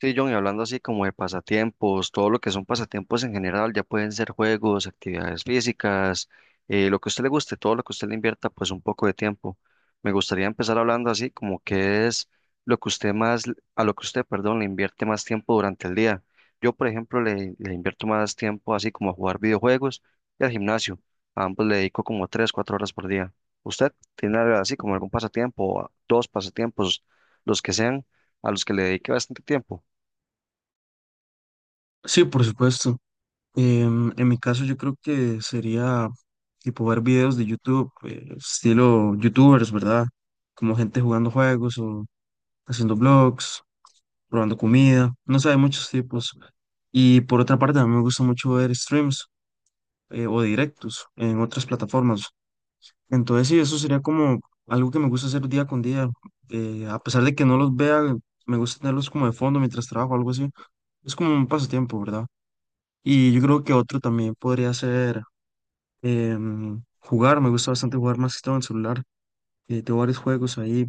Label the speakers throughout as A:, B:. A: Sí, John, y hablando así como de pasatiempos, todo lo que son pasatiempos en general, ya pueden ser juegos, actividades físicas, lo que a usted le guste, todo lo que usted le invierta, pues un poco de tiempo. Me gustaría empezar hablando así como qué es lo que usted más, a lo que usted, perdón, le invierte más tiempo durante el día. Yo, por ejemplo, le invierto más tiempo así como a jugar videojuegos y al gimnasio. A ambos le dedico como 3, 4 horas por día. ¿Usted tiene algo así como algún pasatiempo, o dos pasatiempos, los que sean, a los que le dedique bastante tiempo?
B: Sí, por supuesto. En mi caso yo creo que sería tipo ver videos de YouTube, estilo YouTubers, ¿verdad? Como gente jugando juegos o haciendo vlogs, probando comida, no sé, hay muchos tipos. Y por otra parte, a mí me gusta mucho ver streams o directos en otras plataformas. Entonces sí, eso sería como algo que me gusta hacer día con día. A pesar de que no los vea, me gusta tenerlos como de fondo mientras trabajo, algo así. Es como un pasatiempo, ¿verdad? Y yo creo que otro también podría ser jugar. Me gusta bastante jugar más que todo en celular. Tengo varios juegos ahí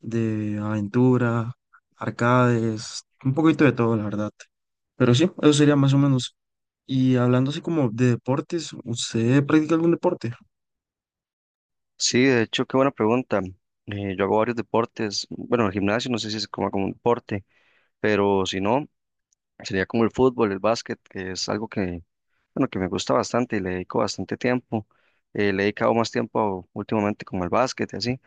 B: de aventura, arcades, un poquito de todo, la verdad. Pero sí, eso sería más o menos. Y hablando así como de deportes, ¿usted practica algún deporte?
A: Sí, de hecho, qué buena pregunta. Yo hago varios deportes. Bueno, el gimnasio no sé si se coma como un deporte, pero si no, sería como el fútbol, el básquet, que es algo que, bueno, que me gusta bastante y le dedico bastante tiempo. Le he dedicado más tiempo últimamente como al básquet y así,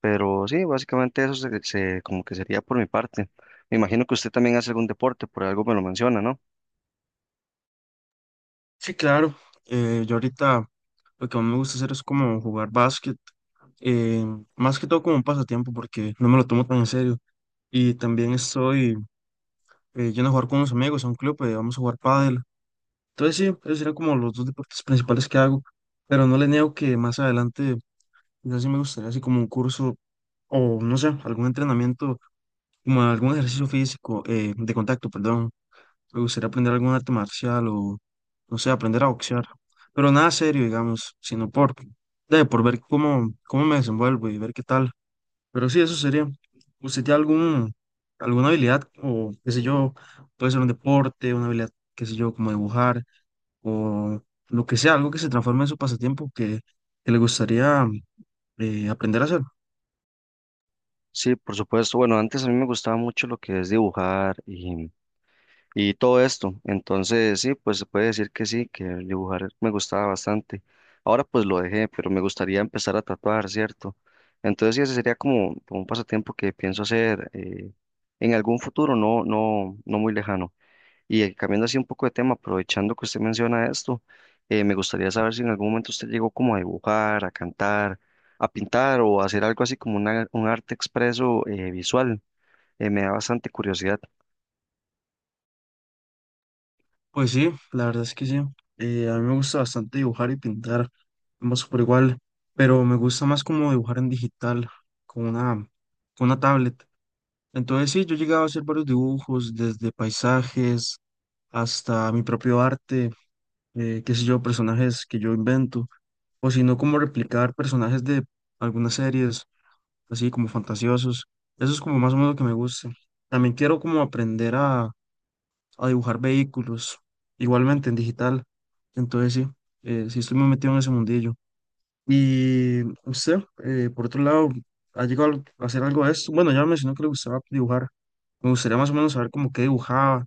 A: pero sí, básicamente eso como que sería por mi parte. Me imagino que usted también hace algún deporte, por algo me lo menciona, ¿no?
B: Sí, claro. Yo ahorita lo que más me gusta hacer es como jugar básquet, eh, más que todo como un pasatiempo porque no me lo tomo tan en serio. Y también estoy yendo a jugar con unos amigos a un club, vamos a jugar pádel. Entonces sí, esos serían como los dos deportes principales que hago, pero no le niego que más adelante yo sí me gustaría así como un curso o no sé, algún entrenamiento, como algún ejercicio físico, de contacto, perdón. Me gustaría aprender algún arte marcial o no sé, aprender a boxear, pero nada serio, digamos, por ver cómo me desenvuelvo y ver qué tal. Pero sí, eso sería. ¿Usted tiene alguna habilidad o qué sé yo, puede ser un deporte, una habilidad, qué sé yo, como dibujar? O lo que sea, algo que se transforme en su pasatiempo que le gustaría aprender a hacer.
A: Sí, por supuesto. Bueno, antes a mí me gustaba mucho lo que es dibujar y todo esto. Entonces, sí, pues se puede decir que sí, que el dibujar me gustaba bastante. Ahora pues lo dejé, pero me gustaría empezar a tatuar, ¿cierto? Entonces, sí, ese sería como, como un pasatiempo que pienso hacer en algún futuro, no, no, no muy lejano. Y cambiando así un poco de tema, aprovechando que usted menciona esto, me gustaría saber si en algún momento usted llegó como a dibujar, a cantar, a pintar o a hacer algo así como un arte expreso visual. Me da bastante curiosidad.
B: Pues sí, la verdad es que sí. A mí me gusta bastante dibujar y pintar, ambos por igual, pero me gusta más como dibujar en digital, con una, con una tablet. Entonces sí, yo he llegado a hacer varios dibujos, desde paisajes hasta mi propio arte, qué sé yo, personajes que yo invento, o si no, como replicar personajes de algunas series así como fantasiosos. Eso es como más o menos lo que me gusta. También quiero como a dibujar vehículos, igualmente en digital. Entonces sí, sí estoy muy metido en ese mundillo. Y usted, por otro lado, ¿ha llegado a hacer algo de esto? Bueno, ya me mencionó que le gustaba dibujar. Me gustaría más o menos saber como qué dibujaba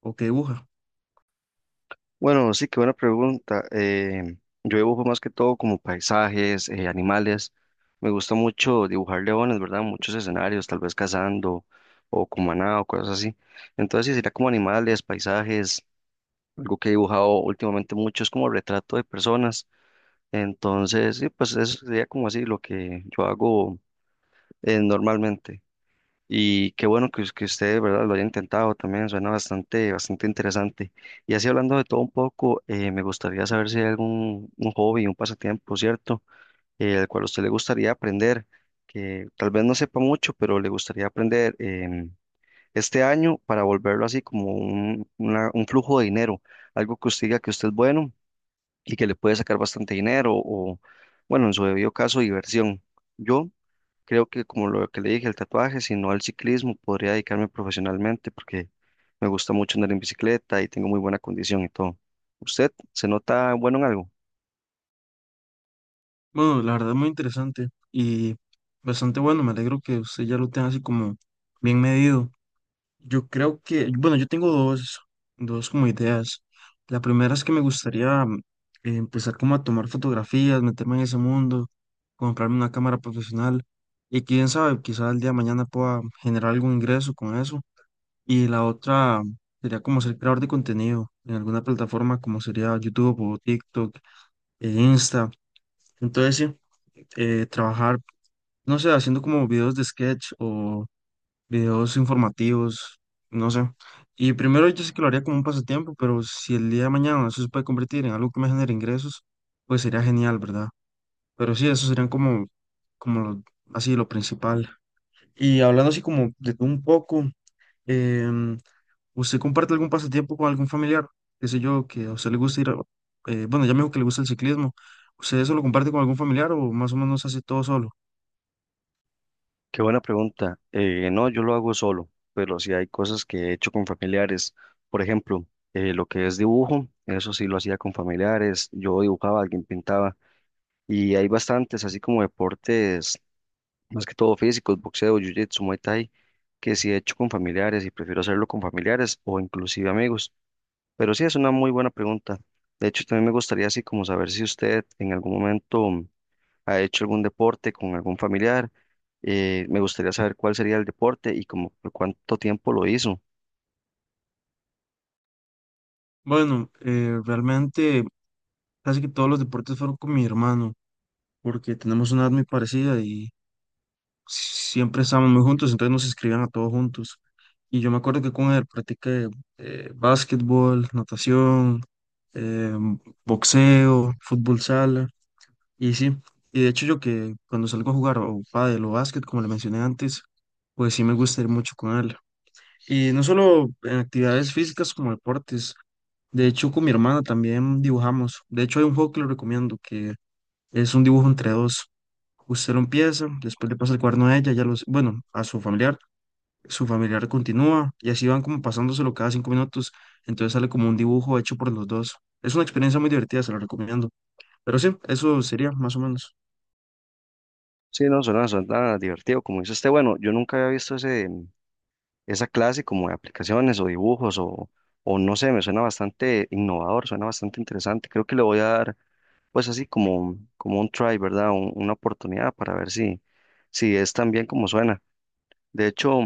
B: o qué dibuja.
A: Bueno, sí, qué buena pregunta. Yo dibujo más que todo como paisajes, animales. Me gusta mucho dibujar leones, ¿verdad? Muchos escenarios, tal vez cazando o con maná o cosas así. Entonces, sí, sería como animales, paisajes. Algo que he dibujado últimamente mucho es como retrato de personas. Entonces, sí, pues eso sería como así lo que yo hago normalmente. Y qué bueno que, que usted, ¿verdad? Lo haya intentado también, suena bastante, bastante interesante. Y así hablando de todo un poco, me gustaría saber si hay algún un hobby, un pasatiempo, ¿cierto? Al cual a usted le gustaría aprender, que tal vez no sepa mucho, pero le gustaría aprender este año para volverlo así como un flujo de dinero, algo que usted diga que usted es bueno y que le puede sacar bastante dinero o, bueno, en su debido caso, diversión. Yo creo que como lo que le dije, el tatuaje, sino al ciclismo, podría dedicarme profesionalmente porque me gusta mucho andar en bicicleta y tengo muy buena condición y todo. ¿Usted se nota bueno en algo?
B: Bueno, la verdad es muy interesante y bastante bueno. Me alegro que usted ya lo tenga así como bien medido. Yo creo que, bueno, dos como ideas. La primera es que me gustaría empezar como a tomar fotografías, meterme en ese mundo, comprarme una cámara profesional y quién sabe, quizás el día de mañana pueda generar algún ingreso con eso. Y la otra sería como ser creador de contenido en alguna plataforma como sería YouTube o TikTok e Insta. Entonces sí, trabajar, no sé, haciendo como videos de sketch, videos informativos, no sé. Y primero yo sé que lo haría como un pasatiempo, pero si el día de mañana eso se puede convertir en algo que me genere ingresos, pues sería genial, ¿verdad? Pero sí, eso serían como, como lo- así lo principal. Y hablando así como de todo un poco, em, ¿usted comparte algún pasatiempo con algún familiar? Qué sé yo, que a usted le gusta bueno, ya me dijo que le gusta el ciclismo. ¿Usted eso lo comparte con algún familiar o más o menos hace todo solo?
A: Qué buena pregunta. No, yo lo hago solo, pero sí hay cosas que he hecho con familiares. Por ejemplo, lo que es dibujo, eso sí lo hacía con familiares. Yo dibujaba, alguien pintaba y hay bastantes, así como deportes, más que todo físicos, boxeo, jiu-jitsu, muay thai, que sí he hecho con familiares y prefiero hacerlo con familiares o inclusive amigos. Pero sí, es una muy buena pregunta. De hecho, también me gustaría así como saber si usted en algún momento ha hecho algún deporte con algún familiar. Me gustaría saber cuál sería el deporte y como por cuánto tiempo lo hizo.
B: Bueno, realmente casi que todos los deportes fueron con mi hermano. Porque tenemos una edad muy parecida y siempre estábamos muy juntos, entonces nos escribían a todos juntos. Y yo me acuerdo que con él practiqué básquetbol, natación, eh, boxeo, fútbol sala, y sí. Y de hecho yo que cuando salgo a jugar o pádel o básquet, como le mencioné antes, pues sí me gusta ir mucho con él. Y no solo en actividades físicas como deportes, de hecho con mi hermana también dibujamos. De hecho hay un juego que lo recomiendo, que es un dibujo entre dos. Usted lo empieza, después le pasa el cuaderno a ella, bueno, a su familiar continúa y así van como pasándoselo cada 5 minutos. Entonces sale como un dibujo hecho por los dos. Es una experiencia muy divertida, se la recomiendo. Pero sí, eso sería más o menos.
A: Sí, no, suena divertido. Como dice usted, bueno, yo nunca había visto esa clase como de aplicaciones o dibujos o no sé, me suena bastante innovador, suena bastante interesante. Creo que le voy a dar pues así como, como un try, ¿verdad? Una oportunidad para ver si es tan bien como suena. De hecho...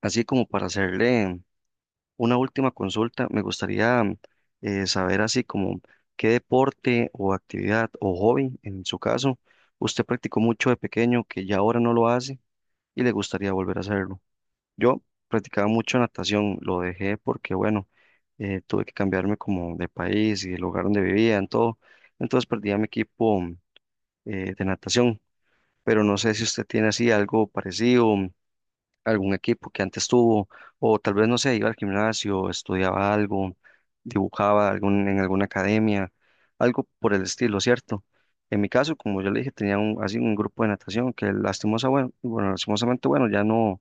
A: Así como para hacerle una última consulta, me gustaría saber así como qué deporte o actividad o hobby, en su caso, usted practicó mucho de pequeño que ya ahora no lo hace y le gustaría volver a hacerlo. Yo practicaba mucho natación, lo dejé porque, bueno, tuve que cambiarme como de país y el lugar donde vivía, en todo. Entonces perdí a mi equipo de natación, pero no sé si usted tiene así algo parecido, algún equipo que antes tuvo, o tal vez, no sé, iba al gimnasio, estudiaba algo, dibujaba en alguna academia, algo por el estilo, ¿cierto? En mi caso, como yo le dije, tenía así un grupo de natación que bueno, lastimosamente, bueno, ya no,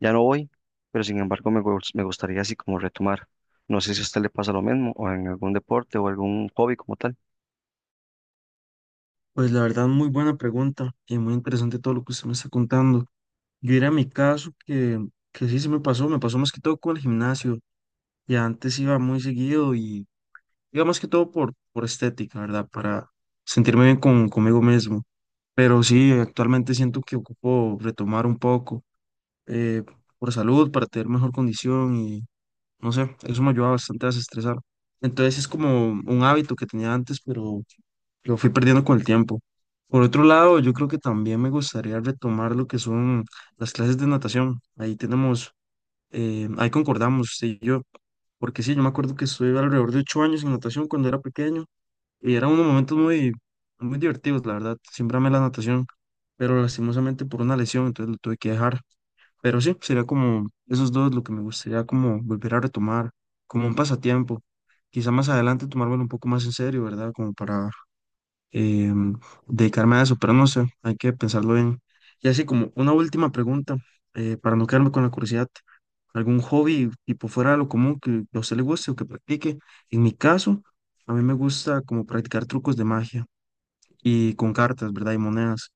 A: ya no voy, pero sin embargo me gustaría así como retomar. No sé si a usted le pasa lo mismo, o en algún deporte o algún hobby como tal.
B: Pues la verdad, muy buena pregunta y muy interesante todo lo que usted me está contando. Yo era mi caso que sí se me pasó más que todo con el gimnasio. Y antes iba muy seguido y iba más que todo por estética, ¿verdad? Para sentirme bien conmigo mismo. Pero sí, actualmente siento que ocupo retomar un poco eh, por salud, para tener mejor condición y no sé, eso me ayuda bastante a desestresar. Entonces es como un hábito que tenía antes, pero lo fui perdiendo con el tiempo. Por otro lado, yo creo que también me gustaría retomar lo que son las clases de natación. Ahí tenemos, ahí concordamos, sí, yo, porque sí, yo me acuerdo que estuve alrededor de 8 años en natación cuando era pequeño y eran unos momentos muy divertidos, la verdad. Siempre amé la natación, pero lastimosamente por una lesión, entonces lo tuve que dejar. Pero sí, sería como esos dos lo que me gustaría como volver a retomar, como un pasatiempo. Quizá más adelante tomármelo un poco más en serio, ¿verdad? Como para eh, dedicarme a eso, pero no sé, hay que pensarlo bien. Y así como una última pregunta, para no quedarme con la curiosidad, algún hobby tipo fuera de lo común que a usted le guste o que practique. En mi caso, a mí me gusta como practicar trucos de magia y con cartas, ¿verdad? Y monedas.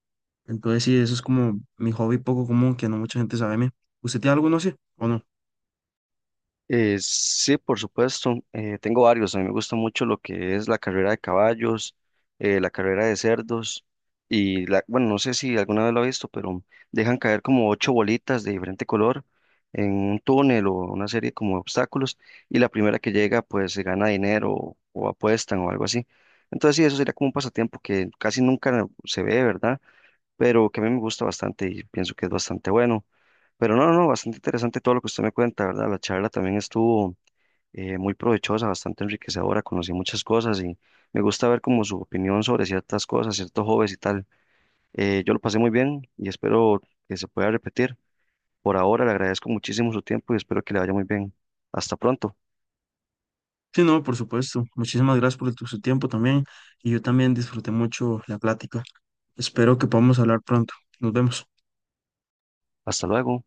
B: Entonces sí, eso es como mi hobby poco común que no mucha gente sabe de mí. ¿Usted tiene alguno así o no?
A: Sí, por supuesto. Tengo varios. A mí me gusta mucho lo que es la carrera de caballos, la carrera de cerdos y la, bueno, no sé si alguna vez lo he visto, pero dejan caer como ocho bolitas de diferente color en un túnel o una serie como de obstáculos y la primera que llega pues se gana dinero o apuestan o algo así. Entonces sí, eso sería como un pasatiempo que casi nunca se ve, ¿verdad? Pero que a mí me gusta bastante y pienso que es bastante bueno. Pero no, no, no, bastante interesante todo lo que usted me cuenta, ¿verdad? La charla también estuvo muy provechosa, bastante enriquecedora, conocí muchas cosas y me gusta ver como su opinión sobre ciertas cosas, ciertos hobbies y tal. Yo lo pasé muy bien y espero que se pueda repetir. Por ahora le agradezco muchísimo su tiempo y espero que le vaya muy bien. Hasta pronto,
B: Sí, no, por supuesto. Muchísimas gracias por su tiempo también y yo también disfruté mucho la plática. Espero que podamos hablar pronto. Nos vemos.
A: hasta luego.